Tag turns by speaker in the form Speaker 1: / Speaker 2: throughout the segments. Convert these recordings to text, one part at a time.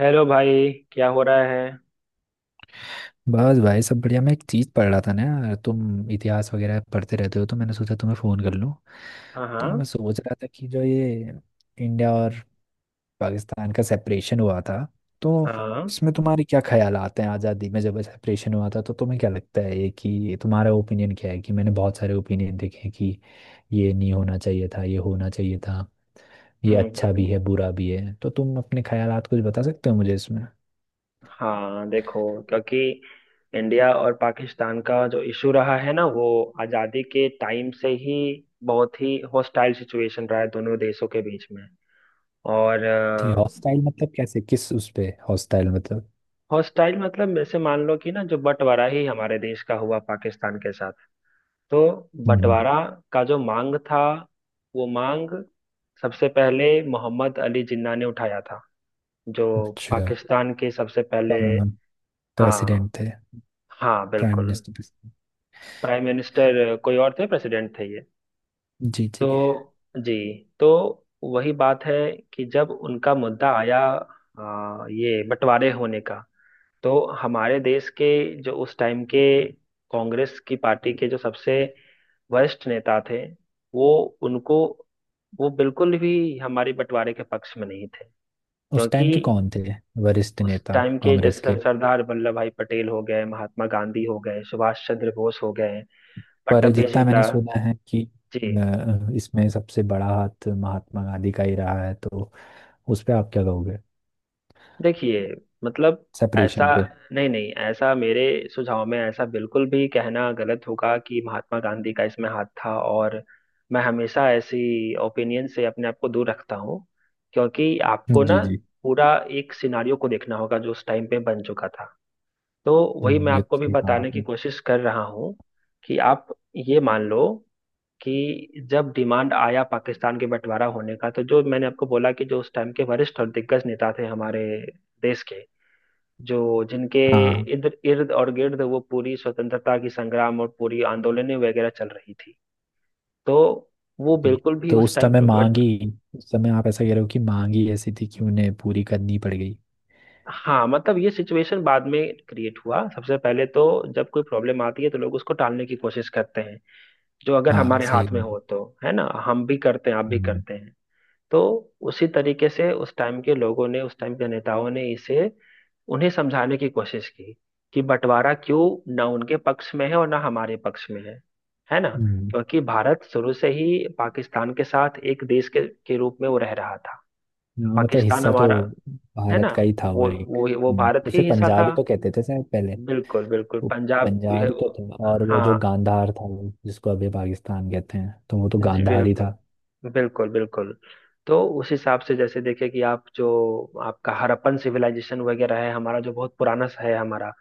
Speaker 1: Hello भाई, क्या हो रहा है?
Speaker 2: बस भाई सब बढ़िया। मैं एक चीज़ पढ़ रहा था ना यार, तुम इतिहास वगैरह पढ़ते रहते हो तो मैंने सोचा तुम्हें फ़ोन कर लूँ।
Speaker 1: हाँ,
Speaker 2: तो
Speaker 1: हाँ,
Speaker 2: मैं सोच रहा था कि जो ये इंडिया और पाकिस्तान का सेपरेशन हुआ था, तो
Speaker 1: हाँ।
Speaker 2: इसमें तुम्हारे क्या ख्याल आते हैं। आज़ादी में जब सेपरेशन हुआ था तो तुम्हें क्या लगता है ये कि तुम्हारा ओपिनियन क्या है? कि मैंने बहुत सारे ओपिनियन देखे हैं कि ये नहीं होना चाहिए था, ये होना चाहिए था, ये
Speaker 1: हम्म
Speaker 2: अच्छा भी
Speaker 1: हम्म,
Speaker 2: है बुरा भी है। तो तुम अपने ख्यालात कुछ बता सकते हो मुझे इसमें।
Speaker 1: हाँ, देखो, क्योंकि इंडिया और पाकिस्तान का जो इशू रहा है ना, वो आज़ादी के टाइम से ही बहुत ही हॉस्टाइल सिचुएशन रहा है दोनों देशों के बीच में। और
Speaker 2: थी हॉस्टाइल मतलब कैसे, किस उस पे हॉस्टाइल मतलब?
Speaker 1: हॉस्टाइल मतलब जैसे मान लो कि ना, जो बंटवारा ही हमारे देश का हुआ पाकिस्तान के साथ, तो
Speaker 2: हम्म।
Speaker 1: बंटवारा का जो मांग था, वो मांग सबसे पहले मोहम्मद अली जिन्ना ने उठाया था, जो
Speaker 2: अच्छा।
Speaker 1: पाकिस्तान के सबसे पहले।
Speaker 2: और
Speaker 1: हाँ,
Speaker 2: प्रेसिडेंट थे।
Speaker 1: हाँ,
Speaker 2: प्राइम
Speaker 1: बिल्कुल।
Speaker 2: मिनिस्टर।
Speaker 1: प्राइम मिनिस्टर कोई और थे, प्रेसिडेंट थे ये।
Speaker 2: जी जी।
Speaker 1: तो जी, तो वही बात है कि जब उनका मुद्दा आया, ये बंटवारे होने का, तो हमारे देश के जो उस टाइम के कांग्रेस की पार्टी के जो सबसे वरिष्ठ नेता थे, वो उनको, वो बिल्कुल भी हमारे बंटवारे के पक्ष में नहीं थे।
Speaker 2: उस टाइम के
Speaker 1: क्योंकि
Speaker 2: कौन थे वरिष्ठ
Speaker 1: उस
Speaker 2: नेता
Speaker 1: टाइम के जैसे
Speaker 2: कांग्रेस के?
Speaker 1: सरदार वल्लभ भाई पटेल हो गए, महात्मा गांधी हो गए, सुभाष चंद्र बोस हो गए,
Speaker 2: पर
Speaker 1: पट्टभी
Speaker 2: जितना मैंने
Speaker 1: सिद्धा।
Speaker 2: सुना है कि
Speaker 1: जी,
Speaker 2: इसमें सबसे बड़ा हाथ महात्मा गांधी का ही रहा है, तो उस पे आप क्या कहोगे?
Speaker 1: देखिए, मतलब ऐसा,
Speaker 2: सेपरेशन पे।
Speaker 1: नहीं नहीं, ऐसा मेरे सुझाव में ऐसा बिल्कुल भी कहना गलत होगा कि महात्मा गांधी का इसमें हाथ था। और मैं हमेशा ऐसी ओपिनियन से अपने आप को दूर रखता हूँ, क्योंकि आपको
Speaker 2: जी
Speaker 1: ना
Speaker 2: जी।
Speaker 1: पूरा एक सिनारियो को देखना होगा जो उस टाइम पे बन चुका था। तो वही मैं
Speaker 2: ये तो
Speaker 1: आपको भी
Speaker 2: सही कहा
Speaker 1: बताने की
Speaker 2: आपने।
Speaker 1: कोशिश कर रहा हूँ कि आप ये मान लो कि जब डिमांड आया पाकिस्तान के बंटवारा होने का, तो जो मैंने आपको बोला कि जो उस टाइम के वरिष्ठ और दिग्गज नेता थे हमारे देश के, जो जिनके
Speaker 2: हाँ।
Speaker 1: इधर इर्द और गिर्द वो पूरी स्वतंत्रता की संग्राम और पूरी आंदोलनें वगैरह चल रही थी, तो वो
Speaker 2: जी।
Speaker 1: बिल्कुल भी
Speaker 2: तो
Speaker 1: उस
Speaker 2: उस
Speaker 1: टाइम
Speaker 2: समय
Speaker 1: पे
Speaker 2: मांग
Speaker 1: बट।
Speaker 2: ही, उस समय आप ऐसा कह रहे हो कि मांग ही ऐसी थी कि उन्हें पूरी करनी पड़ गई।
Speaker 1: हाँ, मतलब ये सिचुएशन बाद में क्रिएट हुआ। सबसे पहले तो जब कोई प्रॉब्लम आती है तो लोग उसको टालने की कोशिश करते हैं, जो अगर
Speaker 2: हाँ,
Speaker 1: हमारे
Speaker 2: सही
Speaker 1: हाथ में
Speaker 2: कहा।
Speaker 1: हो, तो है ना, हम भी करते हैं, आप भी
Speaker 2: हम्म।
Speaker 1: करते हैं। तो उसी तरीके से उस टाइम के लोगों ने, उस टाइम के नेताओं ने इसे उन्हें समझाने की कोशिश की कि बंटवारा क्यों ना उनके पक्ष में है और ना हमारे पक्ष में है ना।
Speaker 2: हम्म।
Speaker 1: क्योंकि भारत शुरू से ही पाकिस्तान के साथ एक देश के रूप में वो रह रहा था।
Speaker 2: हाँ, मतलब
Speaker 1: पाकिस्तान
Speaker 2: हिस्सा तो
Speaker 1: हमारा, है ना,
Speaker 2: भारत का ही था वो
Speaker 1: वो
Speaker 2: एक।
Speaker 1: वो वो भारत
Speaker 2: उसे
Speaker 1: ही हिस्सा था।
Speaker 2: पंजाबी तो कहते थे शायद पहले।
Speaker 1: बिल्कुल बिल्कुल,
Speaker 2: वो
Speaker 1: पंजाब।
Speaker 2: पंजाबी तो था, और वो जो
Speaker 1: हाँ
Speaker 2: गांधार था वो जिसको अभी पाकिस्तान कहते हैं, तो वो तो
Speaker 1: जी,
Speaker 2: गांधार ही
Speaker 1: बिल्कुल
Speaker 2: था।
Speaker 1: बिल्कुल बिल्कुल। तो उस हिसाब से जैसे देखे कि आप जो आपका हड़प्पन सिविलाइजेशन वगैरह है हमारा, जो बहुत पुराना सा है हमारा,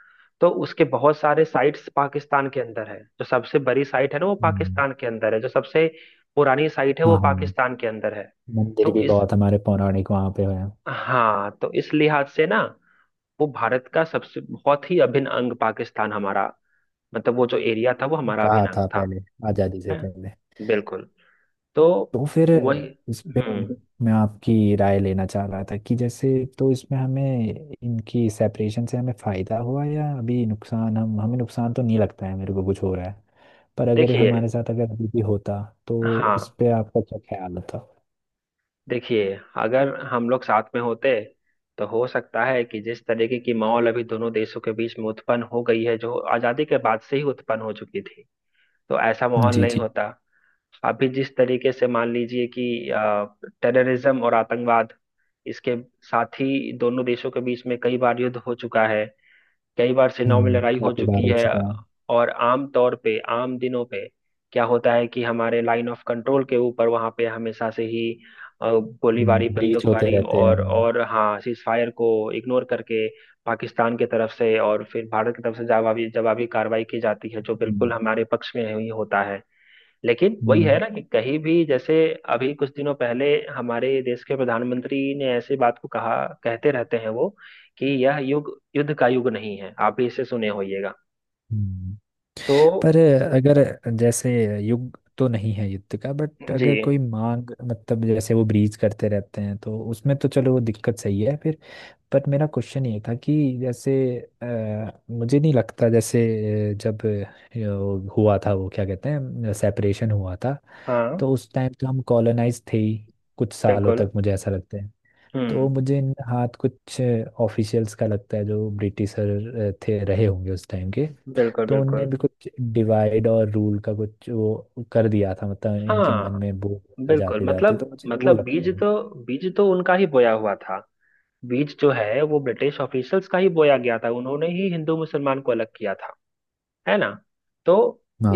Speaker 1: तो उसके बहुत सारे साइट्स पाकिस्तान के अंदर है। जो सबसे बड़ी साइट है ना वो
Speaker 2: हम्म।
Speaker 1: पाकिस्तान के अंदर है, जो सबसे पुरानी साइट है वो
Speaker 2: हाँ हाँ।
Speaker 1: पाकिस्तान के अंदर है।
Speaker 2: मंदिर
Speaker 1: तो
Speaker 2: भी
Speaker 1: इस,
Speaker 2: बहुत हमारे पौराणिक वहाँ पे है।
Speaker 1: हाँ, तो इस लिहाज से ना वो भारत का सबसे बहुत ही अभिन्न अंग पाकिस्तान हमारा, मतलब वो जो एरिया था वो हमारा
Speaker 2: रहा
Speaker 1: अभिन्न अंग
Speaker 2: था
Speaker 1: था
Speaker 2: पहले, आज़ादी से
Speaker 1: है।
Speaker 2: पहले।
Speaker 1: बिल्कुल। तो
Speaker 2: तो फिर
Speaker 1: वही।
Speaker 2: इस पे
Speaker 1: हम्म।
Speaker 2: मैं आपकी राय लेना चाह रहा था कि जैसे, तो इसमें हमें इनकी सेपरेशन से हमें फायदा हुआ या अभी नुकसान, हम हमें नुकसान तो नहीं लगता है मेरे को कुछ हो रहा है। पर अगर ये
Speaker 1: देखिए,
Speaker 2: हमारे साथ अगर अभी भी होता, तो इस
Speaker 1: हाँ,
Speaker 2: पे आपका क्या ख्याल होता?
Speaker 1: देखिए अगर हम लोग साथ में होते, तो हो सकता है कि जिस तरीके की माहौल अभी दोनों देशों के बीच में उत्पन्न हो गई है, जो आजादी के बाद से ही उत्पन्न हो चुकी थी, तो ऐसा माहौल
Speaker 2: जी
Speaker 1: नहीं
Speaker 2: जी।
Speaker 1: होता। अभी जिस तरीके से मान लीजिए कि टेररिज्म और आतंकवाद, इसके साथ ही दोनों देशों के बीच में कई बार युद्ध हो चुका है, कई बार सेनाओं में
Speaker 2: हम्म,
Speaker 1: लड़ाई हो
Speaker 2: काफी बार
Speaker 1: चुकी
Speaker 2: हो
Speaker 1: है।
Speaker 2: चुका है।
Speaker 1: और आम तौर पे, आम दिनों पे क्या होता है कि हमारे लाइन ऑफ कंट्रोल के ऊपर वहां पे हमेशा से ही अ, गोलीबारी,
Speaker 2: ब्रीच होते
Speaker 1: बंदूकबारी
Speaker 2: रहते हैं।
Speaker 1: और
Speaker 2: हम्म।
Speaker 1: और हाँ, सीज फायर को इग्नोर करके पाकिस्तान की तरफ से, और फिर भारत की तरफ से जवाबी जवाबी कार्रवाई की जाती है, जो बिल्कुल
Speaker 2: हम्म।
Speaker 1: हमारे पक्ष में ही होता है। लेकिन वही है
Speaker 2: हम्म।
Speaker 1: ना कि कहीं भी जैसे अभी कुछ दिनों पहले हमारे देश के प्रधानमंत्री ने ऐसी बात को कहा, कहते रहते हैं वो, कि यह युग, युद्ध का युग नहीं है, आप भी इसे सुने होइएगा।
Speaker 2: हम्म।
Speaker 1: तो
Speaker 2: पर अगर जैसे युग तो नहीं है युद्ध का, बट
Speaker 1: जी,
Speaker 2: अगर कोई मांग मतलब जैसे वो ब्रीज करते रहते हैं तो उसमें तो चलो वो दिक्कत सही है फिर। पर मेरा क्वेश्चन ये था कि जैसे मुझे नहीं लगता जैसे जब यो हुआ था वो क्या कहते हैं, सेपरेशन हुआ था।
Speaker 1: हाँ,
Speaker 2: तो उस टाइम तो हम कॉलोनाइज थे ही कुछ सालों
Speaker 1: बिल्कुल।
Speaker 2: तक, मुझे ऐसा लगता है। तो
Speaker 1: हम्म,
Speaker 2: मुझे इन हाथ कुछ ऑफिशियल्स का लगता है, जो ब्रिटिशर थे रहे होंगे उस टाइम के।
Speaker 1: बिल्कुल
Speaker 2: तो उनने
Speaker 1: बिल्कुल।
Speaker 2: भी कुछ डिवाइड और रूल का कुछ वो कर दिया था, मतलब इनके मन
Speaker 1: हाँ
Speaker 2: में वो होता
Speaker 1: बिल्कुल,
Speaker 2: जाते जाते, तो
Speaker 1: मतलब
Speaker 2: मुझे वो
Speaker 1: मतलब
Speaker 2: लगता
Speaker 1: बीज
Speaker 2: है।
Speaker 1: तो, बीज तो उनका ही बोया हुआ था। बीज जो है वो ब्रिटिश ऑफिसर्स का ही बोया गया था, उन्होंने ही हिंदू मुसलमान को अलग किया था, है ना। तो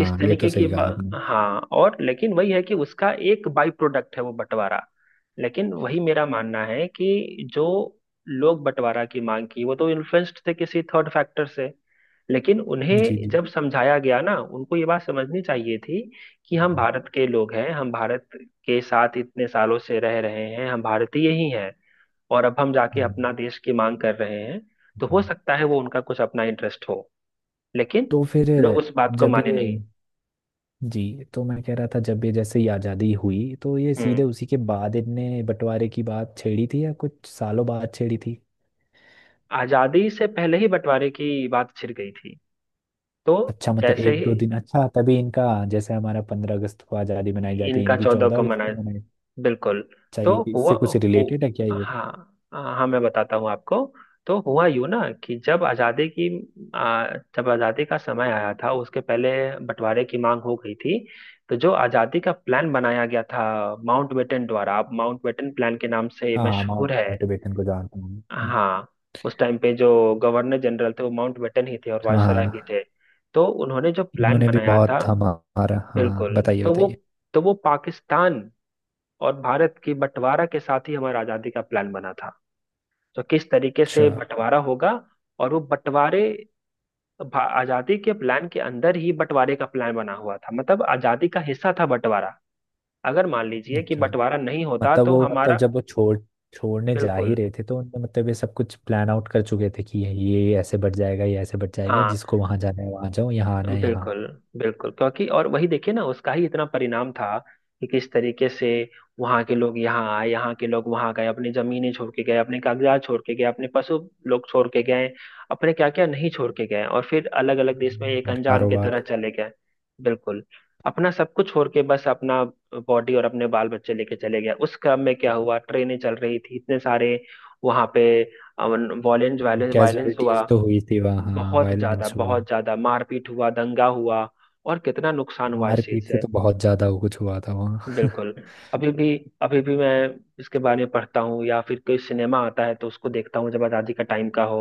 Speaker 1: इस
Speaker 2: ये तो
Speaker 1: तरीके की
Speaker 2: सही कहा
Speaker 1: बा-
Speaker 2: आपने।
Speaker 1: हाँ और, लेकिन वही है कि उसका एक बाई प्रोडक्ट है वो बंटवारा। लेकिन वही मेरा मानना है कि जो लोग बंटवारा की मांग की, वो तो इन्फ्लुएंस्ड थे किसी थर्ड फैक्टर से। लेकिन
Speaker 2: जी
Speaker 1: उन्हें
Speaker 2: जी।
Speaker 1: जब समझाया गया ना, उनको ये बात समझनी चाहिए थी कि हम
Speaker 2: हम्म,
Speaker 1: भारत के लोग हैं, हम भारत के साथ इतने सालों से रह रहे हैं, हम भारतीय ही हैं, और अब हम जाके
Speaker 2: हम्म,
Speaker 1: अपना देश की मांग कर रहे हैं। तो हो
Speaker 2: हम्म।
Speaker 1: सकता है वो उनका कुछ अपना इंटरेस्ट हो, लेकिन
Speaker 2: तो फिर
Speaker 1: लोग उस बात को
Speaker 2: जब
Speaker 1: माने
Speaker 2: ये,
Speaker 1: नहीं।
Speaker 2: जी तो मैं कह रहा था जब ये जैसे ही आज़ादी हुई, तो ये सीधे
Speaker 1: हम्म।
Speaker 2: उसी के बाद इनने बंटवारे की बात छेड़ी थी या कुछ सालों बाद छेड़ी थी?
Speaker 1: आजादी से पहले ही बंटवारे की बात छिड़ गई थी। तो
Speaker 2: अच्छा, मतलब
Speaker 1: जैसे
Speaker 2: एक
Speaker 1: ही
Speaker 2: दो दिन। अच्छा तभी इनका। जैसे हमारा 15 अगस्त को आज़ादी मनाई जाती है,
Speaker 1: इनका
Speaker 2: इनकी
Speaker 1: 14
Speaker 2: चौदह
Speaker 1: को
Speaker 2: अगस्त को
Speaker 1: मनाया,
Speaker 2: मनाई
Speaker 1: बिल्कुल। तो
Speaker 2: चाहिए।
Speaker 1: हुआ,
Speaker 2: इससे कुछ
Speaker 1: हु,
Speaker 2: रिलेटेड है क्या ये?
Speaker 1: हाँ हाँ, मैं बताता हूँ आपको। तो हुआ यूं ना कि जब आजादी की, आ, जब आजादी का समय आया था, उसके पहले बंटवारे की मांग हो गई थी। तो जो आजादी का प्लान बनाया गया था माउंटबेटन द्वारा, आप माउंटबेटन प्लान के नाम से
Speaker 2: हाँ हाँ,
Speaker 1: मशहूर है।
Speaker 2: माउंट बेटन को जानता हूँ।
Speaker 1: हाँ, उस टाइम पे जो गवर्नर जनरल थे वो माउंटबेटन ही थे, और
Speaker 2: हाँ
Speaker 1: वायसराय भी
Speaker 2: हाँ।
Speaker 1: थे। तो उन्होंने जो प्लान
Speaker 2: इन्होंने भी
Speaker 1: बनाया था,
Speaker 2: बहुत हमारा, हाँ
Speaker 1: बिल्कुल,
Speaker 2: बताइए
Speaker 1: तो वो
Speaker 2: बताइए।
Speaker 1: तो वो पाकिस्तान और भारत की बंटवारा के साथ ही हमारा आजादी का प्लान बना था। तो किस तरीके
Speaker 2: अच्छा।
Speaker 1: से बंटवारा होगा, और वो बंटवारे, आजादी के प्लान के अंदर ही बंटवारे का प्लान बना हुआ था, मतलब आजादी का हिस्सा था बंटवारा। अगर मान लीजिए कि
Speaker 2: अच्छा
Speaker 1: बंटवारा नहीं होता
Speaker 2: मतलब
Speaker 1: तो
Speaker 2: वो, मतलब
Speaker 1: हमारा,
Speaker 2: जब वो छोड़ छोड़ने जा ही
Speaker 1: बिल्कुल,
Speaker 2: रहे थे, तो उनने मतलब ये सब कुछ प्लान आउट कर चुके थे कि ये ऐसे बढ़ जाएगा, ये ऐसे बढ़ जाएगा,
Speaker 1: हाँ,
Speaker 2: जिसको वहां जाना है वहां जाओ, यहाँ आना है यहाँ आओ।
Speaker 1: बिल्कुल बिल्कुल। क्योंकि और वही देखिए ना, उसका ही इतना परिणाम था कि किस तरीके से वहां के लोग यहाँ आए, यहाँ के लोग वहां गए, अपनी जमीनें छोड़ के गए, अपने कागजात छोड़ के गए, अपने पशु लोग छोड़ के गए, अपने क्या क्या नहीं छोड़ के गए, और फिर अलग अलग देश में एक
Speaker 2: यार
Speaker 1: अनजान की
Speaker 2: कारोबार।
Speaker 1: तरह चले गए। बिल्कुल। अपना सब कुछ छोड़ के बस अपना बॉडी और अपने बाल बच्चे लेके चले गए। उस क्रम में क्या हुआ, ट्रेनें चल रही थी इतने सारे, वहां पे वायलेंस वायलेंस वायलेंस हुआ,
Speaker 2: कैजुअलिटीज तो हुई थी वहाँ, हाँ वायलेंस हुआ।
Speaker 1: बहुत ज्यादा मारपीट हुआ, दंगा हुआ, और कितना नुकसान हुआ इस चीज
Speaker 2: मारपीट से
Speaker 1: से।
Speaker 2: तो बहुत ज्यादा वो कुछ हुआ था वहाँ
Speaker 1: बिल्कुल। अभी भी, अभी भी मैं इसके बारे में पढ़ता हूँ, या फिर कोई सिनेमा आता है तो उसको देखता हूँ जब आजादी का टाइम का हो,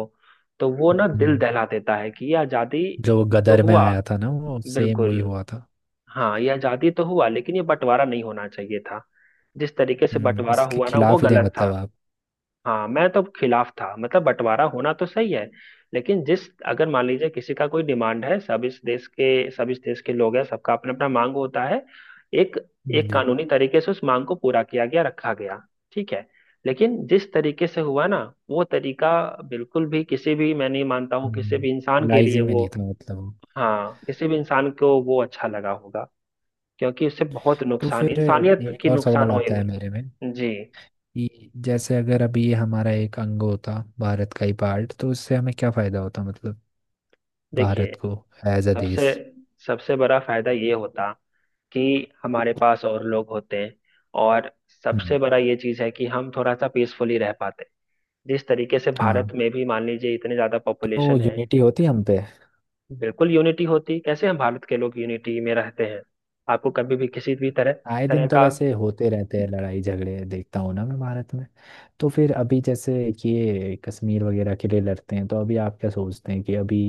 Speaker 1: तो वो ना दिल
Speaker 2: हम्म,
Speaker 1: दहला देता है, कि ये आजादी
Speaker 2: जो वो
Speaker 1: तो
Speaker 2: गदर में
Speaker 1: हुआ,
Speaker 2: आया था ना वो सेम वही
Speaker 1: बिल्कुल,
Speaker 2: हुआ था।
Speaker 1: हाँ, ये आजादी तो हुआ, लेकिन ये बंटवारा नहीं होना चाहिए था। जिस तरीके से
Speaker 2: हम्म,
Speaker 1: बंटवारा
Speaker 2: इसके
Speaker 1: हुआ ना, वो
Speaker 2: खिलाफ ही थे
Speaker 1: गलत था।
Speaker 2: मतलब आप?
Speaker 1: हाँ, मैं तो खिलाफ था। मतलब बंटवारा होना तो सही है, लेकिन जिस, अगर मान लीजिए किसी का कोई डिमांड है, सब इस देश के, सब इस देश के लोग हैं, सबका अपना अपना मांग होता है, एक, एक
Speaker 2: जी।
Speaker 1: कानूनी तरीके से उस मांग को पूरा किया गया, रखा गया, ठीक है। लेकिन जिस तरीके से हुआ ना, वो तरीका बिल्कुल भी, किसी भी, मैं नहीं मानता हूँ किसी भी इंसान
Speaker 2: हम्म,
Speaker 1: के लिए
Speaker 2: लाइजे में
Speaker 1: वो,
Speaker 2: नहीं था मतलब वो।
Speaker 1: हाँ, किसी भी इंसान को वो अच्छा लगा होगा, क्योंकि उससे बहुत
Speaker 2: तो
Speaker 1: नुकसान,
Speaker 2: फिर
Speaker 1: इंसानियत
Speaker 2: एक
Speaker 1: की
Speaker 2: और सवाल
Speaker 1: नुकसान
Speaker 2: आता
Speaker 1: हुई।
Speaker 2: है मेरे में
Speaker 1: जी,
Speaker 2: कि जैसे अगर अभी ये हमारा एक अंग होता, भारत का ही पार्ट, तो उससे हमें क्या फायदा होता, मतलब
Speaker 1: देखिए,
Speaker 2: भारत को, एज अ
Speaker 1: सबसे
Speaker 2: देश।
Speaker 1: सबसे बड़ा फायदा ये होता कि हमारे पास और लोग होते हैं, और सबसे
Speaker 2: हम्म।
Speaker 1: बड़ा ये चीज है कि हम थोड़ा सा पीसफुली रह पाते। जिस तरीके से
Speaker 2: हाँ,
Speaker 1: भारत में भी मान लीजिए इतने ज्यादा
Speaker 2: तो
Speaker 1: पॉपुलेशन है,
Speaker 2: यूनिटी होती हम पे।
Speaker 1: बिल्कुल यूनिटी होती, कैसे हम भारत के लोग यूनिटी में रहते हैं। आपको कभी भी किसी भी तरह,
Speaker 2: आए
Speaker 1: तरह
Speaker 2: दिन तो
Speaker 1: का
Speaker 2: वैसे होते रहते हैं लड़ाई झगड़े, देखता हूँ ना मैं भारत में। तो फिर अभी जैसे कि ये कश्मीर वगैरह के लिए लड़ते हैं, तो अभी आप क्या सोचते हैं कि अभी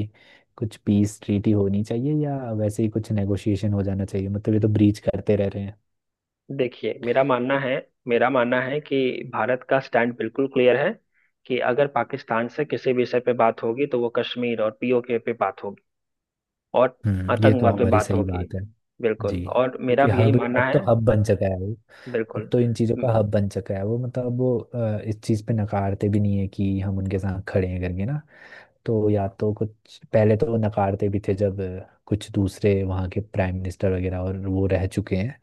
Speaker 2: कुछ पीस ट्रीटी होनी चाहिए या वैसे ही कुछ नेगोशिएशन हो जाना चाहिए, मतलब ये तो ब्रीच करते रह रहे हैं।
Speaker 1: देखिए, मेरा मानना है, मेरा मानना है कि भारत का स्टैंड बिल्कुल क्लियर है, कि अगर पाकिस्तान से किसी विषय पे बात होगी तो वो कश्मीर और पीओके पे बात होगी, और
Speaker 2: हम्म, ये तो
Speaker 1: आतंकवाद पे
Speaker 2: हमारी
Speaker 1: बात
Speaker 2: सही
Speaker 1: होगी।
Speaker 2: बात है।
Speaker 1: बिल्कुल,
Speaker 2: जी।
Speaker 1: और मेरा
Speaker 2: क्योंकि
Speaker 1: भी यही
Speaker 2: हब
Speaker 1: मानना
Speaker 2: अब
Speaker 1: है।
Speaker 2: तो हब बन चुका है वो। अब
Speaker 1: बिल्कुल।
Speaker 2: तो इन चीज़ों
Speaker 1: म-
Speaker 2: का हब बन चुका है वो, मतलब वो इस चीज़ पे नकारते भी नहीं है कि हम उनके साथ खड़े हैं करके ना। तो या तो कुछ पहले तो वो नकारते भी थे, जब कुछ दूसरे वहाँ के प्राइम मिनिस्टर वगैरह और वो रह चुके हैं।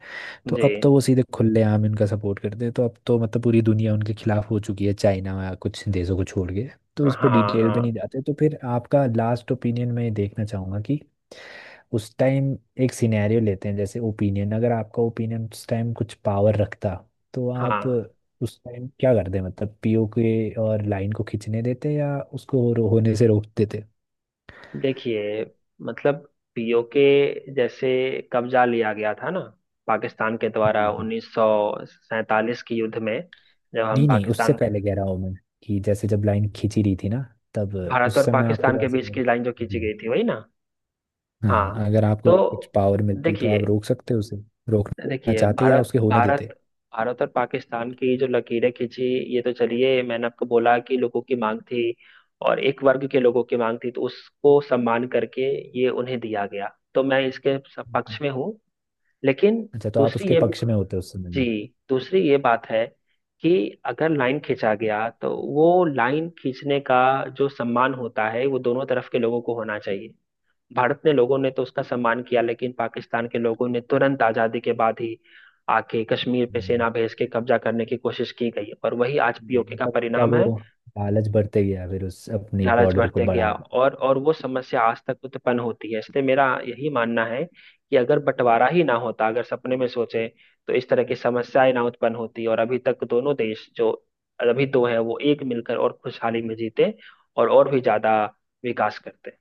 Speaker 2: तो अब
Speaker 1: जी,
Speaker 2: तो वो सीधे खुलेआम इनका सपोर्ट करते हैं, तो अब तो मतलब पूरी दुनिया उनके खिलाफ हो चुकी है, चाइना या कुछ देशों को छोड़ के। तो
Speaker 1: हाँ,
Speaker 2: इस पे डिटेल पे नहीं
Speaker 1: हाँ,
Speaker 2: जाते, तो फिर आपका लास्ट ओपिनियन मैं देखना चाहूंगा कि उस टाइम एक सिनेरियो लेते हैं, जैसे ओपिनियन, अगर आपका ओपिनियन उस टाइम कुछ पावर रखता, तो आप
Speaker 1: हाँ।
Speaker 2: उस टाइम क्या करते, मतलब पीओके और लाइन को खींचने देते या उसको होने से रोक देते?
Speaker 1: देखिए, मतलब पीओके जैसे कब्जा लिया गया था ना पाकिस्तान के द्वारा
Speaker 2: जी जी।
Speaker 1: 1947 के युद्ध में, जब हम
Speaker 2: नहीं नहीं, उससे
Speaker 1: पाकिस्तान,
Speaker 2: पहले कह रहा हूँ मैं, कि जैसे जब लाइन खींची रही थी ना, तब
Speaker 1: भारत
Speaker 2: उस
Speaker 1: और
Speaker 2: समय आपके
Speaker 1: पाकिस्तान के
Speaker 2: पास
Speaker 1: बीच
Speaker 2: अपने-।
Speaker 1: की लाइन जो खींची
Speaker 2: जी।
Speaker 1: गई थी वही ना। हाँ,
Speaker 2: हाँ, अगर आपको कुछ
Speaker 1: तो
Speaker 2: पावर मिलती तो
Speaker 1: देखिए,
Speaker 2: आप रोक सकते हो उसे? रोकना
Speaker 1: देखिए
Speaker 2: चाहते या
Speaker 1: भारत,
Speaker 2: उसके होने
Speaker 1: भारत
Speaker 2: देते?
Speaker 1: भारत और पाकिस्तान की जो लकीरें खींची, ये तो चलिए मैंने आपको बोला कि लोगों की मांग थी, और एक वर्ग के लोगों की मांग थी, तो उसको सम्मान करके ये उन्हें दिया गया। तो मैं इसके
Speaker 2: हम्म।
Speaker 1: पक्ष में हूँ। लेकिन
Speaker 2: अच्छा, तो आप
Speaker 1: दूसरी
Speaker 2: उसके
Speaker 1: ये,
Speaker 2: पक्ष में होते उस समय
Speaker 1: जी,
Speaker 2: भी?
Speaker 1: दूसरी ये बात है कि अगर लाइन खींचा गया तो वो लाइन खींचने का जो सम्मान होता है वो दोनों तरफ के लोगों को होना चाहिए। भारत ने, लोगों ने तो उसका सम्मान किया, लेकिन पाकिस्तान के लोगों ने तुरंत आजादी के बाद ही आके कश्मीर पे
Speaker 2: हम्म।
Speaker 1: सेना भेज के कब्जा करने की कोशिश की गई, पर वही आज
Speaker 2: ये
Speaker 1: पीओके का
Speaker 2: मतलब उनका
Speaker 1: परिणाम
Speaker 2: वो
Speaker 1: है।
Speaker 2: लालच बढ़ते गया, फिर उस अपनी
Speaker 1: लालच
Speaker 2: बॉर्डर को
Speaker 1: बढ़ते
Speaker 2: बढ़ा।
Speaker 1: गया, और वो समस्या आज तक उत्पन्न होती है, इसलिए मेरा यही मानना है कि अगर बंटवारा ही ना होता, अगर सपने में सोचे, तो इस तरह की समस्याएं ना उत्पन्न होती, और अभी तक दोनों देश जो अभी दो है वो एक मिलकर और खुशहाली में जीते, और भी ज्यादा विकास करते।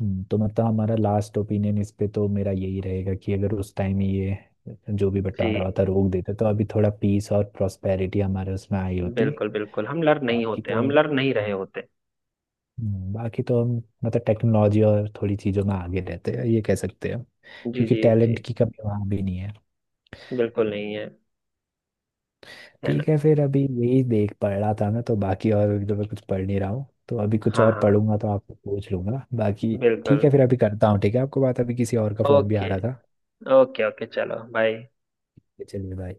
Speaker 2: तो मतलब हमारा लास्ट ओपिनियन इस पे तो मेरा यही रहेगा कि अगर उस टाइम ये जो भी
Speaker 1: जी,
Speaker 2: बंटवारा होता रोक देते, तो अभी थोड़ा पीस और प्रोस्पेरिटी हमारे उसमें आई होती।
Speaker 1: बिल्कुल बिल्कुल, हम लर्न नहीं
Speaker 2: बाकी
Speaker 1: होते,
Speaker 2: तो,
Speaker 1: हम लर्न नहीं रहे होते।
Speaker 2: बाकी तो हम, मतलब टेक्नोलॉजी और थोड़ी चीज़ों में आगे रहते हैं ये कह सकते हैं हम।
Speaker 1: जी
Speaker 2: क्योंकि
Speaker 1: जी जी,
Speaker 2: टैलेंट की कमी वहाँ भी नहीं है।
Speaker 1: बिल्कुल नहीं है, है ना।
Speaker 2: ठीक है फिर, अभी यही देख पढ़ रहा था ना तो बाकी, और अभी तो मैं कुछ पढ़ नहीं रहा हूँ तो अभी कुछ
Speaker 1: हाँ
Speaker 2: और
Speaker 1: हाँ,
Speaker 2: पढ़ूंगा तो आपको पूछ लूंगा बाकी।
Speaker 1: बिल्कुल।
Speaker 2: ठीक है फिर, अभी करता हूँ। ठीक है आपको बात, अभी किसी और का फ़ोन भी आ
Speaker 1: ओके,
Speaker 2: रहा था।
Speaker 1: ओके ओके, चलो बाय।
Speaker 2: चलिए बाय।